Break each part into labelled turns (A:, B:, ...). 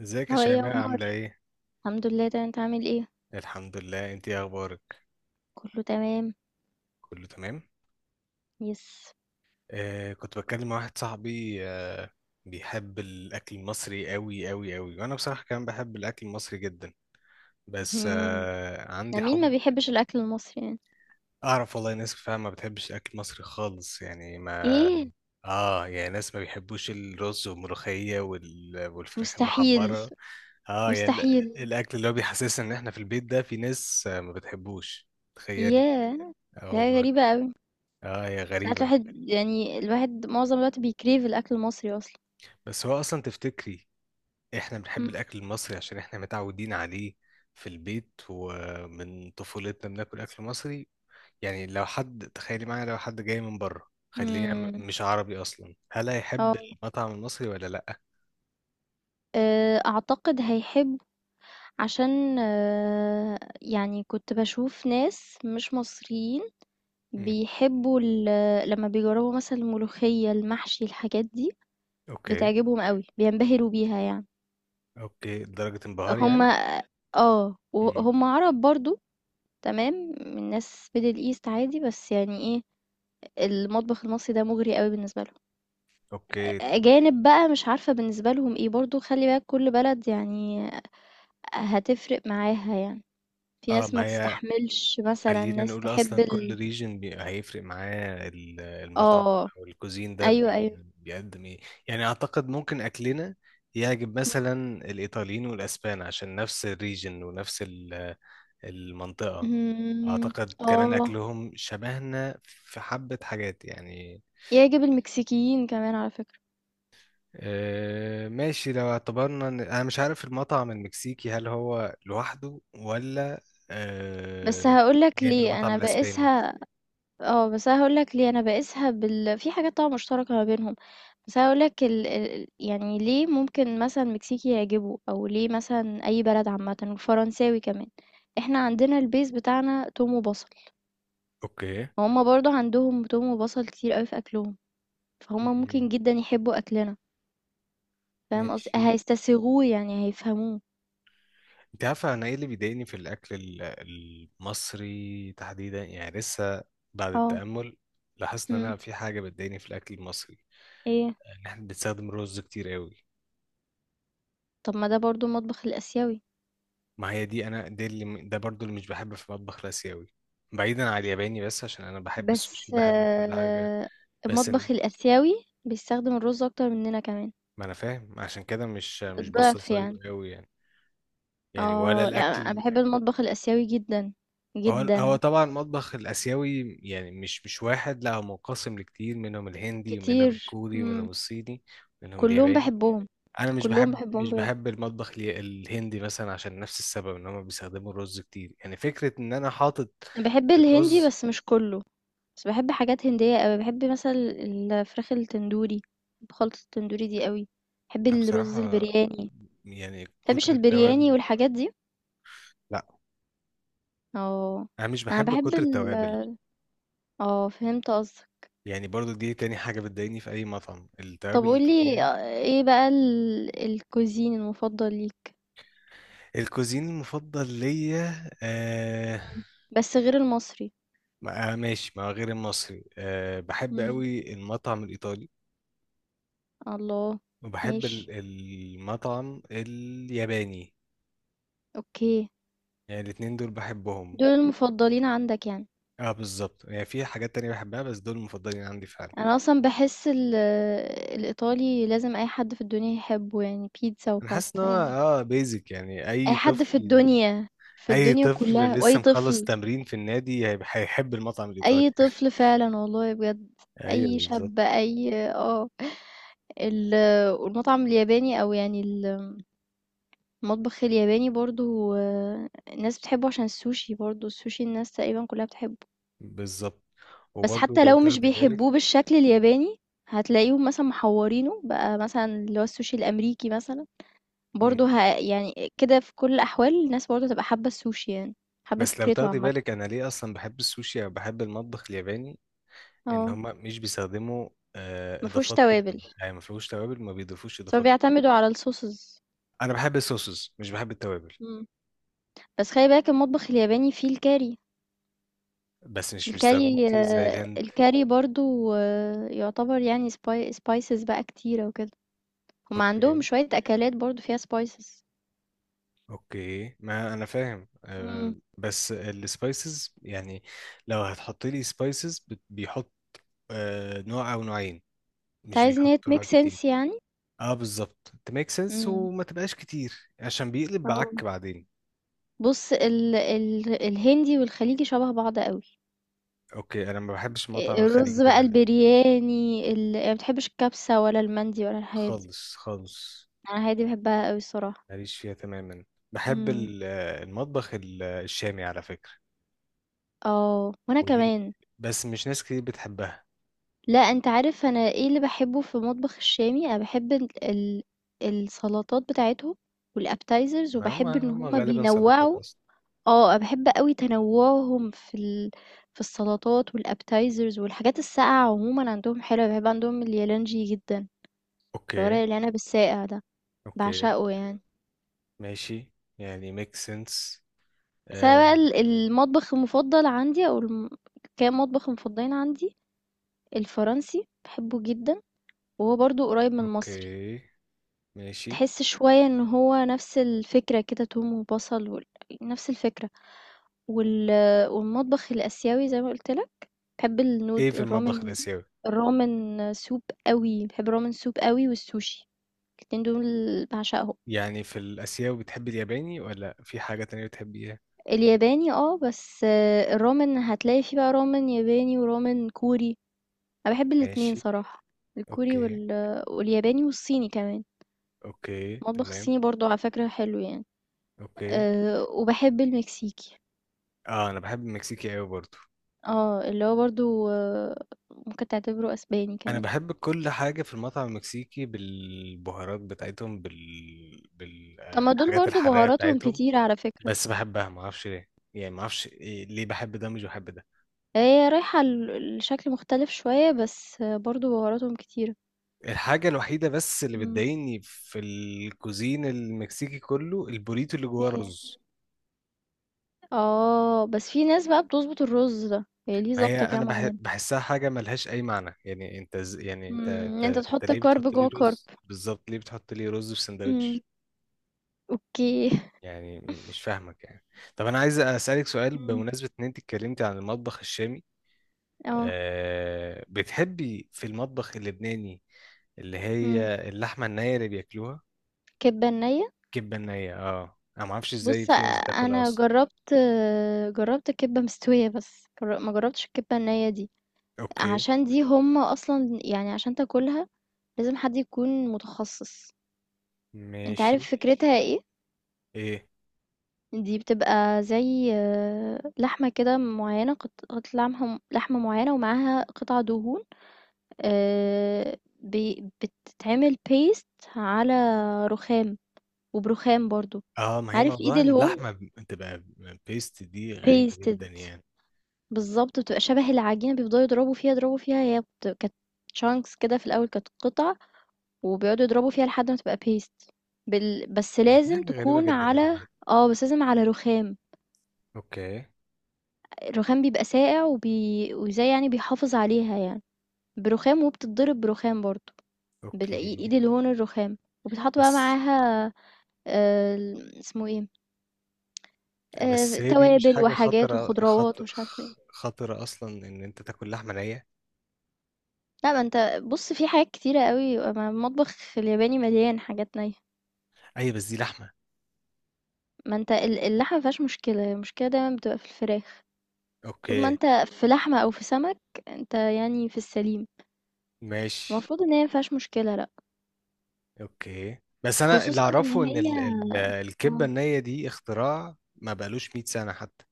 A: ازيك يا
B: هو ايه يا
A: شيماء
B: عمر؟
A: عاملة ايه؟
B: الحمد لله، تمام، انت عامل ايه؟
A: الحمد لله، انت ايه اخبارك؟
B: كله تمام.
A: كله تمام؟
B: يس.
A: آه، كنت بتكلم مع واحد صاحبي بيحب الاكل المصري قوي قوي قوي، وانا بصراحة كمان بحب الاكل المصري جدا. بس
B: مم. ده
A: عندي
B: مين ما
A: حب
B: بيحبش الاكل المصري يعني؟
A: اعرف، والله ناس فعلا ما بتحبش الاكل المصري خالص، يعني ما.
B: ايه.
A: اه يعني ناس ما بيحبوش الرز والملوخية والفراخ
B: مستحيل.
A: المحمرة. اه يعني
B: مستحيل.
A: الاكل اللي هو بيحسسنا ان احنا في البيت، ده في ناس، ما بتحبوش. تخيلي.
B: ياه،
A: اه
B: ده حاجة
A: والله.
B: غريبة قوي.
A: اه هي
B: ساعات
A: غريبة.
B: الواحد يعني الواحد معظم الوقت بيكريف الاكل المصري اصلا.
A: بس هو اصلا تفتكري احنا بنحب
B: مم.
A: الاكل المصري عشان احنا متعودين عليه في البيت، ومن طفولتنا بناكل اكل مصري. يعني لو حد تخيلي معايا، لو حد جاي من بره خليه
B: مم.
A: مش عربي اصلا، هل هيحب
B: اه.
A: المطعم المصري ولا لا.
B: اعتقد هيحب، عشان يعني كنت بشوف ناس مش مصريين
A: مم.
B: بيحبوا لما بيجربوا مثلا الملوخية المحشي الحاجات دي،
A: اوكي.
B: بتعجبهم أوي، بينبهروا بيها يعني.
A: اوكي لدرجة انبهار
B: هم.
A: يعني. مم.
B: وهُم عرب برضه. تمام، من ناس middle east عادي، بس يعني إيه، المطبخ المصري ده مُغري أوي بالنسبة لهم.
A: اوكي.
B: أجانب بقى مش عارفة بالنسبة لهم إيه، برضه خلّي بالك كل بلد يعني هتفرق معاها يعني، في
A: اه
B: ناس
A: ما
B: ما
A: هي،
B: تستحملش مثلًا،
A: خلينا
B: ناس
A: نقول
B: تحب
A: اصلا كل
B: ال.
A: ريجن هيفرق معاه المطعم
B: آه،
A: او الكوزين ده
B: أيوه، أيوه.
A: بيقدم ايه. يعني اعتقد ممكن اكلنا يعجب مثلا الايطاليين والاسبان، عشان نفس الريجن ونفس المنطقة.
B: إمم.
A: اعتقد كمان
B: آه،
A: اكلهم شبهنا في حبة حاجات يعني.
B: يعجب المكسيكيين كمان على فكرة،
A: ماشي، لو اعتبرنا ان انا مش عارف المطعم المكسيكي، هل هو لوحده ولا
B: بس
A: آه،
B: هاقول لك
A: جاي من
B: ليه،
A: المطعم
B: أنا
A: الاسباني.
B: باقيسها. بس أنا هاقول لك ليه، أنا باقيسها بال، في حاجات طبعًا مشتركة ما بينهم، بس أنا هاقول لك ال يعني ليه ممكن مثلًا المكسيكي يعجبه، أو ليه مثلًا أي بلد عامةً والفرنساوي كمان، إحنا عندنا الbase بتاعنا توم وبصل،
A: اوكي.
B: وهُم برضه عندهم توم وبصل كتير أوي في أكلهم، فهُم ممكن
A: مم.
B: جدًا يحبوا أكلنا، فاهم قصدي؟
A: ماشي.
B: هيستسيغوه يعني هيفهموه.
A: انت عارفه انا ايه اللي بيضايقني في الاكل المصري تحديدا، يعني لسه بعد
B: آه.
A: التامل لاحظت ان
B: إمم.
A: انا في حاجه بتضايقني في الاكل المصري.
B: إيه؟
A: ان احنا بنستخدم رز كتير قوي.
B: طب ما ده برضه المطبخ الآسيوي،
A: ما هي دي، انا دي اللي، ده برضو اللي مش بحبه في المطبخ الاسيوي. بعيدا عن الياباني، بس عشان انا بحب السوشي،
B: بس
A: بحب كل حاجه. بس ال-
B: المطبخ الآسيوي بيستخدم الرز أكتر مننا كمان.
A: ما انا فاهم، عشان كده مش
B: الضعف
A: بستظهر
B: يعني.
A: قوي يعني. يعني ولا
B: اه، لا، انا
A: الاكل.
B: بحب المطبخ الاسيوي جدا
A: هو
B: جدا.
A: طبعا المطبخ الآسيوي يعني مش واحد، لا هو منقسم لكتير، منهم الهندي ومنهم
B: كتير.
A: الكوري
B: مم.
A: ومنهم الصيني ومنهم
B: كلهم
A: الياباني.
B: بحبهم.
A: أنا مش
B: كلهم
A: بحب
B: بحبهم
A: مش
B: بجد.
A: بحب المطبخ الهندي مثلا، عشان نفس السبب، إن هما بيستخدموا الرز كتير، يعني فكرة إن أنا حاطط
B: انا بحب الهندي
A: الرز.
B: بس مش كله، بس بحب حاجات هندية قوي، بحب مثلا الفراخ التندوري، بحب خلطة التندوري دي قوي، بحب
A: أنا
B: الرز
A: بصراحة
B: البرياني،
A: يعني كتر
B: بحبش البرياني
A: التوابل،
B: والحاجات دي.
A: لا
B: اه.
A: أنا مش
B: انا
A: بحب
B: بحب
A: كتر
B: ال.
A: التوابل.
B: اه، فهمت قصدك.
A: يعني برضو دي تاني حاجة بتضايقني في أي مطعم،
B: طب
A: التوابل
B: قولي
A: الكتيرة.
B: ايه بقى ال... الكوزين المفضل ليك؟
A: الكوزين المفضل ليا
B: مم. بس غير المصري.
A: ماشي، ما غير المصري بحب قوي المطعم الإيطالي،
B: الله.
A: وبحب
B: ماشي.
A: المطعم الياباني.
B: اوكي.
A: يعني الاتنين دول بحبهم.
B: دول المفضلين عندك يعني.
A: اه بالظبط، يعني في حاجات تانية بحبها، بس دول المفضلين عندي فعلا.
B: انا اصلا بحس الايطالي لازم اي حد في الدنيا يحبه، يعني بيتزا
A: انا حاسس ان هو
B: وباستا يعني.
A: بيزك يعني
B: اي
A: اي
B: حد في
A: طفل.
B: الدنيا، في
A: اي
B: الدنيا
A: طفل
B: كلها، واي
A: لسه مخلص
B: طفل.
A: تمرين في النادي هيحب المطعم الإيطالي.
B: اي طفل فعلا والله بجد.
A: ايوه
B: اي
A: بالظبط.
B: شاب، اي والمطعم الياباني او يعني المطبخ الياباني برضو الناس بتحبه عشان السوشي، برضو السوشي الناس تقريبا كلها بتحبه.
A: بالظبط.
B: بس
A: وبرضه
B: حتى
A: لو
B: لو مش
A: تاخدي بالك.
B: بيحبوه بالشكل الياباني هتلاقيهم مثلا محورينه بقى، مثلا اللي هو السوشي الأمريكي مثلا برضه
A: مم.
B: يعني كده، في كل الأحوال الناس برضه تبقى حابة السوشي يعني، حابة
A: بس لو
B: فكرته
A: تاخدي
B: عامة.
A: بالك انا ليه اصلا بحب السوشي او بحب المطبخ الياباني، ان
B: اه،
A: هم مش بيستخدموا
B: مفهوش
A: اضافات كتير.
B: توابل،
A: يعني ما فيهوش توابل، ما بيضيفوش
B: بس هو
A: اضافات.
B: بيعتمدوا على الصوصز.
A: انا بحب الصوصز مش بحب التوابل.
B: مم. بس خلي بالك المطبخ الياباني فيه الكاري.
A: بس مش بيستخدموا كتير زي الهند.
B: الكاري برضو يعتبر يعني سبايسز بقى كتيرة وكده، هما عندهم
A: اوكي.
B: شوية أكلات برضو فيها سبايسز.
A: اوكي ما انا فاهم،
B: مم.
A: بس السبايسز يعني، لو هتحط لي سبايسز بيحط نوع او نوعين،
B: انت
A: مش
B: عايز ان هي
A: بيحطوا
B: تميك
A: حاجات كتير.
B: سنس يعني.
A: اه بالظبط، تميك سنس،
B: مم.
A: وما تبقاش كتير عشان بيقلب بعك
B: آه.
A: بعدين.
B: بُص ال ال الهندي والخليجي شبه بعض أوي،
A: اوكي انا ما بحبش المطعم الخليجي
B: الرز بقى
A: تماما،
B: البرياني أنا ما باحبش الكبسة ولا المندي ولا الحاجات دي،
A: خالص خالص.
B: أنا الحاجات دي باحبها أوي الصراحة.
A: ماليش فيها تماما. بحب
B: إمم.
A: ال- المطبخ الشامي على فكرة،
B: آه، وأنا
A: ودي
B: كمان.
A: بس مش ناس كتير بتحبها.
B: لأ، أنت عارف أنا إيه اللي باحبه في المطبخ الشامي، أنا باحب ال ال السلطات بتاعتهم والappetizers،
A: هم
B: وباحب إن
A: هم
B: هُم
A: غالبا سلطات
B: بينوّعوا.
A: أصلا.
B: أنا باحب أوي تنوُّعهم في السلطات والappetizers، والحاجات الساقعة عمومًا عندهم حلوة، باحب عندهم اليالنجي جدًا. الورق
A: أوكي.
B: العنب الساقع ده
A: أوكي،
B: بعشقه يعني.
A: ماشي، يعني ميك سنس.
B: بس انا بقى
A: آه.
B: المطبخ المفضل عندي او كام مطبخ مفضلين عندي، الفرنسي بحبه جدا وهو برضو قريب من المصري،
A: أوكي، ماشي.
B: تحس شوية ان هو نفس الفكرة كده، توم وبصل نفس الفكرة وال... والمطبخ الاسيوي زي ما قلت لك، بحب
A: إيه في المطبخ
B: الرامن،
A: الآسيوي؟
B: الرامن سوب قوي، بحب الرامن سوب قوي والسوشي، الاتنين دول بعشقهم.
A: يعني في الآسيوي بتحب الياباني ولا في حاجة تانية بتحبيها؟
B: الياباني بس الرامن هتلاقي فيه بقى رامن ياباني ورامن كوري، أنا باحب الاتنين
A: ماشي.
B: صراحة، الكوري
A: أوكي.
B: والياباني والصيني كمان،
A: أوكي
B: المطبخ
A: تمام.
B: الصيني برضه على فكرة حلو يعني،
A: أوكي.
B: وباحب المكسيكي،
A: آه، أنا بحب المكسيكي أوي برضه.
B: اللي هو برضه ممكن تعتبره أسباني
A: انا
B: كمان،
A: بحب كل حاجه في المطعم المكسيكي، بالبهارات بتاعتهم،
B: طب ما دول
A: بالحاجات
B: برضه
A: الحراقه
B: بهاراتهم
A: بتاعتهم.
B: كتيرة على فكرة،
A: بس بحبها ما اعرفش ليه. يعني ما اعرفش ليه بحب ده مش بحب ده.
B: هي رايحة لشكل مختلف شوية بس برضه بهاراتهم كتيرة.
A: الحاجه الوحيده بس اللي
B: إمم.
A: بتضايقني في الكوزين المكسيكي كله، البوريتو اللي جواه رز.
B: بس في ناس بقى بتضبط الرز ده، هي ليه
A: ما هي
B: ضابطة كده
A: انا
B: معينة.
A: بحسها حاجه ملهاش اي معنى، يعني انت يعني انت انت
B: أنت
A: انت
B: تحط
A: ليه
B: كارب
A: بتحط لي
B: جوّه كارب.
A: رز، بالظبط ليه بتحط لي رز في
B: إمم.
A: سندوتش.
B: أوكي.
A: يعني مش فاهمك يعني. طب انا عايز اسالك سؤال
B: إمم،
A: بمناسبه ان انت اتكلمتي عن المطبخ الشامي.
B: آه،
A: بتحبي في المطبخ اللبناني اللي
B: إمم،
A: هي اللحمه النيه اللي بياكلوها؟
B: كِبّة نيّة؟
A: كبه النيه، انا ما اعرفش ازاي
B: بُص،
A: في ناس بتاكلها
B: أنا
A: اصلا.
B: جرّبت، جرّبت الكِبّة مستوية بس، ما جرّبتش الكِبّة النيّة دي،
A: اوكي.
B: عشان دي هُم أصلًا يعني عشان تاكلها لازم حد يكون متخصص. أنت
A: ماشي.
B: عارف فكرتها إيه؟
A: ايه.
B: دي بتبقى زي لحمة كده معيّنة، قطعة لحمة معيّنة ومعاها قطع دهون، بتتعمل بيست على رخام، وبرخام برضو.
A: اه ما هي
B: عارف ايد
A: موضوع ان
B: الهون،
A: اللحمه بتبقى بيست دي غريبه
B: بيستد،
A: جدا يعني.
B: بالظبط بتبقى شبه العجينة، بيفضلوا يضربوا فيها يضربوا فيها. هي كانت شانكس كده في الأول، كانت قطع وبيقعدوا يضربوا فيها لحد ما تبقى بيست بس
A: هي دي
B: لازم
A: حاجه غريبه
B: تكون
A: جدا يا
B: على.
A: جماعه.
B: اه، بس لازم على رخام،
A: اوكي.
B: الرخام بيبقى ساقع وزي يعني بيحافظ عليها يعني، برخام، وبتتضرب برخام برضو،
A: اوكي.
B: بالإيد الهون الرخام، وبتحط بقى
A: بس.
B: معاها اسمه إيه،
A: بس هي دي مش
B: توابل
A: حاجة
B: وحاجات
A: خطرة
B: وخضروات ومش عارفة إيه.
A: خطرة أصلا، إن أنت تاكل لحمة نية.
B: لأ، ما أنت، بُص في حاجات كتيرة أوي، ما المطبخ الياباني مليان حاجات نيّة،
A: أيوة بس دي لحمة.
B: ما أنت اللحمة ما فيهاش مشكلة، هي المشكلة دايمًا بتبقى في الفراخ، طول ما
A: أوكي.
B: أنت في لحمة أو في سمك، أنت يعني في السليم،
A: ماشي.
B: المفروض إن هي ما فيهاش مشكلة لأ،
A: أوكي بس أنا اللي
B: خصوصًا إن
A: أعرفه إن
B: هي
A: الكبة
B: آه،
A: النية دي اختراع ما بقالوش 100 سنة حتى.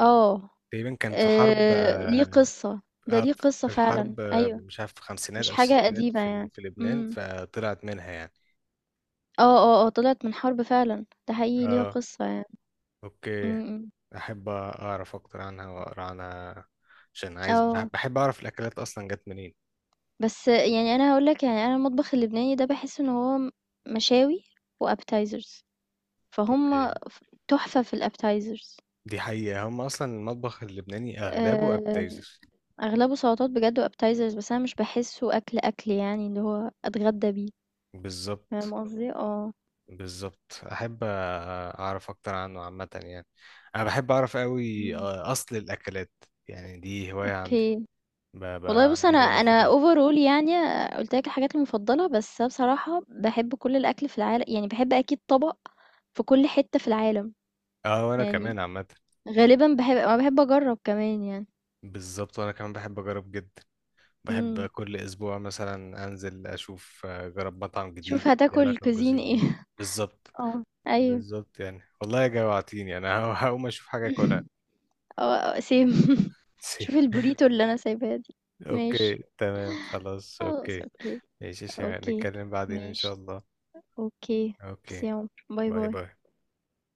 B: آه،
A: تقريبا كان في حرب
B: ليه قصة، ده
A: آه،
B: ليه قصة
A: في
B: فعلًا،
A: الحرب،
B: أيوه،
A: مش عارف، في الخمسينات
B: مش
A: أو
B: حاجة
A: الستينات
B: قديمة يعني.
A: في لبنان،
B: إمم.
A: فطلعت منها يعني.
B: طلعت من حرب فعلًا، ده حقيقي ليها
A: اه.
B: قصة يعني.
A: اوكي.
B: إمم. إمم.
A: احب اعرف اكتر عنها واقرا عنها، عشان عايز
B: آه.
A: بحب اعرف الاكلات اصلا جت منين.
B: بس يعني أنا هاقول لك، يعني أنا المطبخ اللبناني ده باحس إن هو مشاوي وappetizers، فهُم
A: اوكي.
B: ف تحفة في الappetizers.
A: دي حقيقة، هم أصلا المطبخ اللبناني أغلبه
B: آآ
A: appetizers.
B: أغلبه سلطات بجد وappetizers، بس أنا مش باحسّه أكل، أكل يعني اللي هو أتغدّى بيه،
A: بالظبط.
B: فاهم قصدي؟ آه.
A: بالظبط، أحب أعرف أكتر عنه عامة يعني. أنا بحب أعرف أوي
B: إمم.
A: أصل الأكلات، يعني دي هواية عندي،
B: أوكي. والله،
A: بقى
B: بُص
A: عندي
B: أنا
A: دايما فضول.
B: overall يعني قُلت لك الحاجات المفضّلة، بس أنا بصراحة باحب كل الأكل في العال، يعني باحب أكيد طبق في كل حتّة في العالم.
A: أه وأنا
B: يعني
A: كمان عامة.
B: غالبًا باحب، أنا باحب أجرّب كمان يعني.
A: بالظبط وأنا كمان بحب أجرب جدا. بحب
B: إمم.
A: كل أسبوع مثلا أنزل أشوف، أجرب مطعم جديد
B: شوف
A: ليه
B: هتاكل
A: علاقة
B: cuisine
A: بجوزين جديد.
B: إيه.
A: بالظبط.
B: آه. أيوه.
A: بالظبط، يعني والله جوعتيني أنا هقوم أشوف حاجة أكلها.
B: آه، same. شوف الburrito اللي أنا سايباها دي. ماشي،
A: اوكي تمام، خلاص،
B: خلاص
A: اوكي.
B: أوكي،
A: ماشي يا شيماء،
B: أوكي،
A: نتكلم بعدين ان شاء
B: ماشي،
A: الله.
B: أوكي،
A: اوكي.
B: ميرسي يا عمر، باي،
A: باي
B: باي.
A: باي.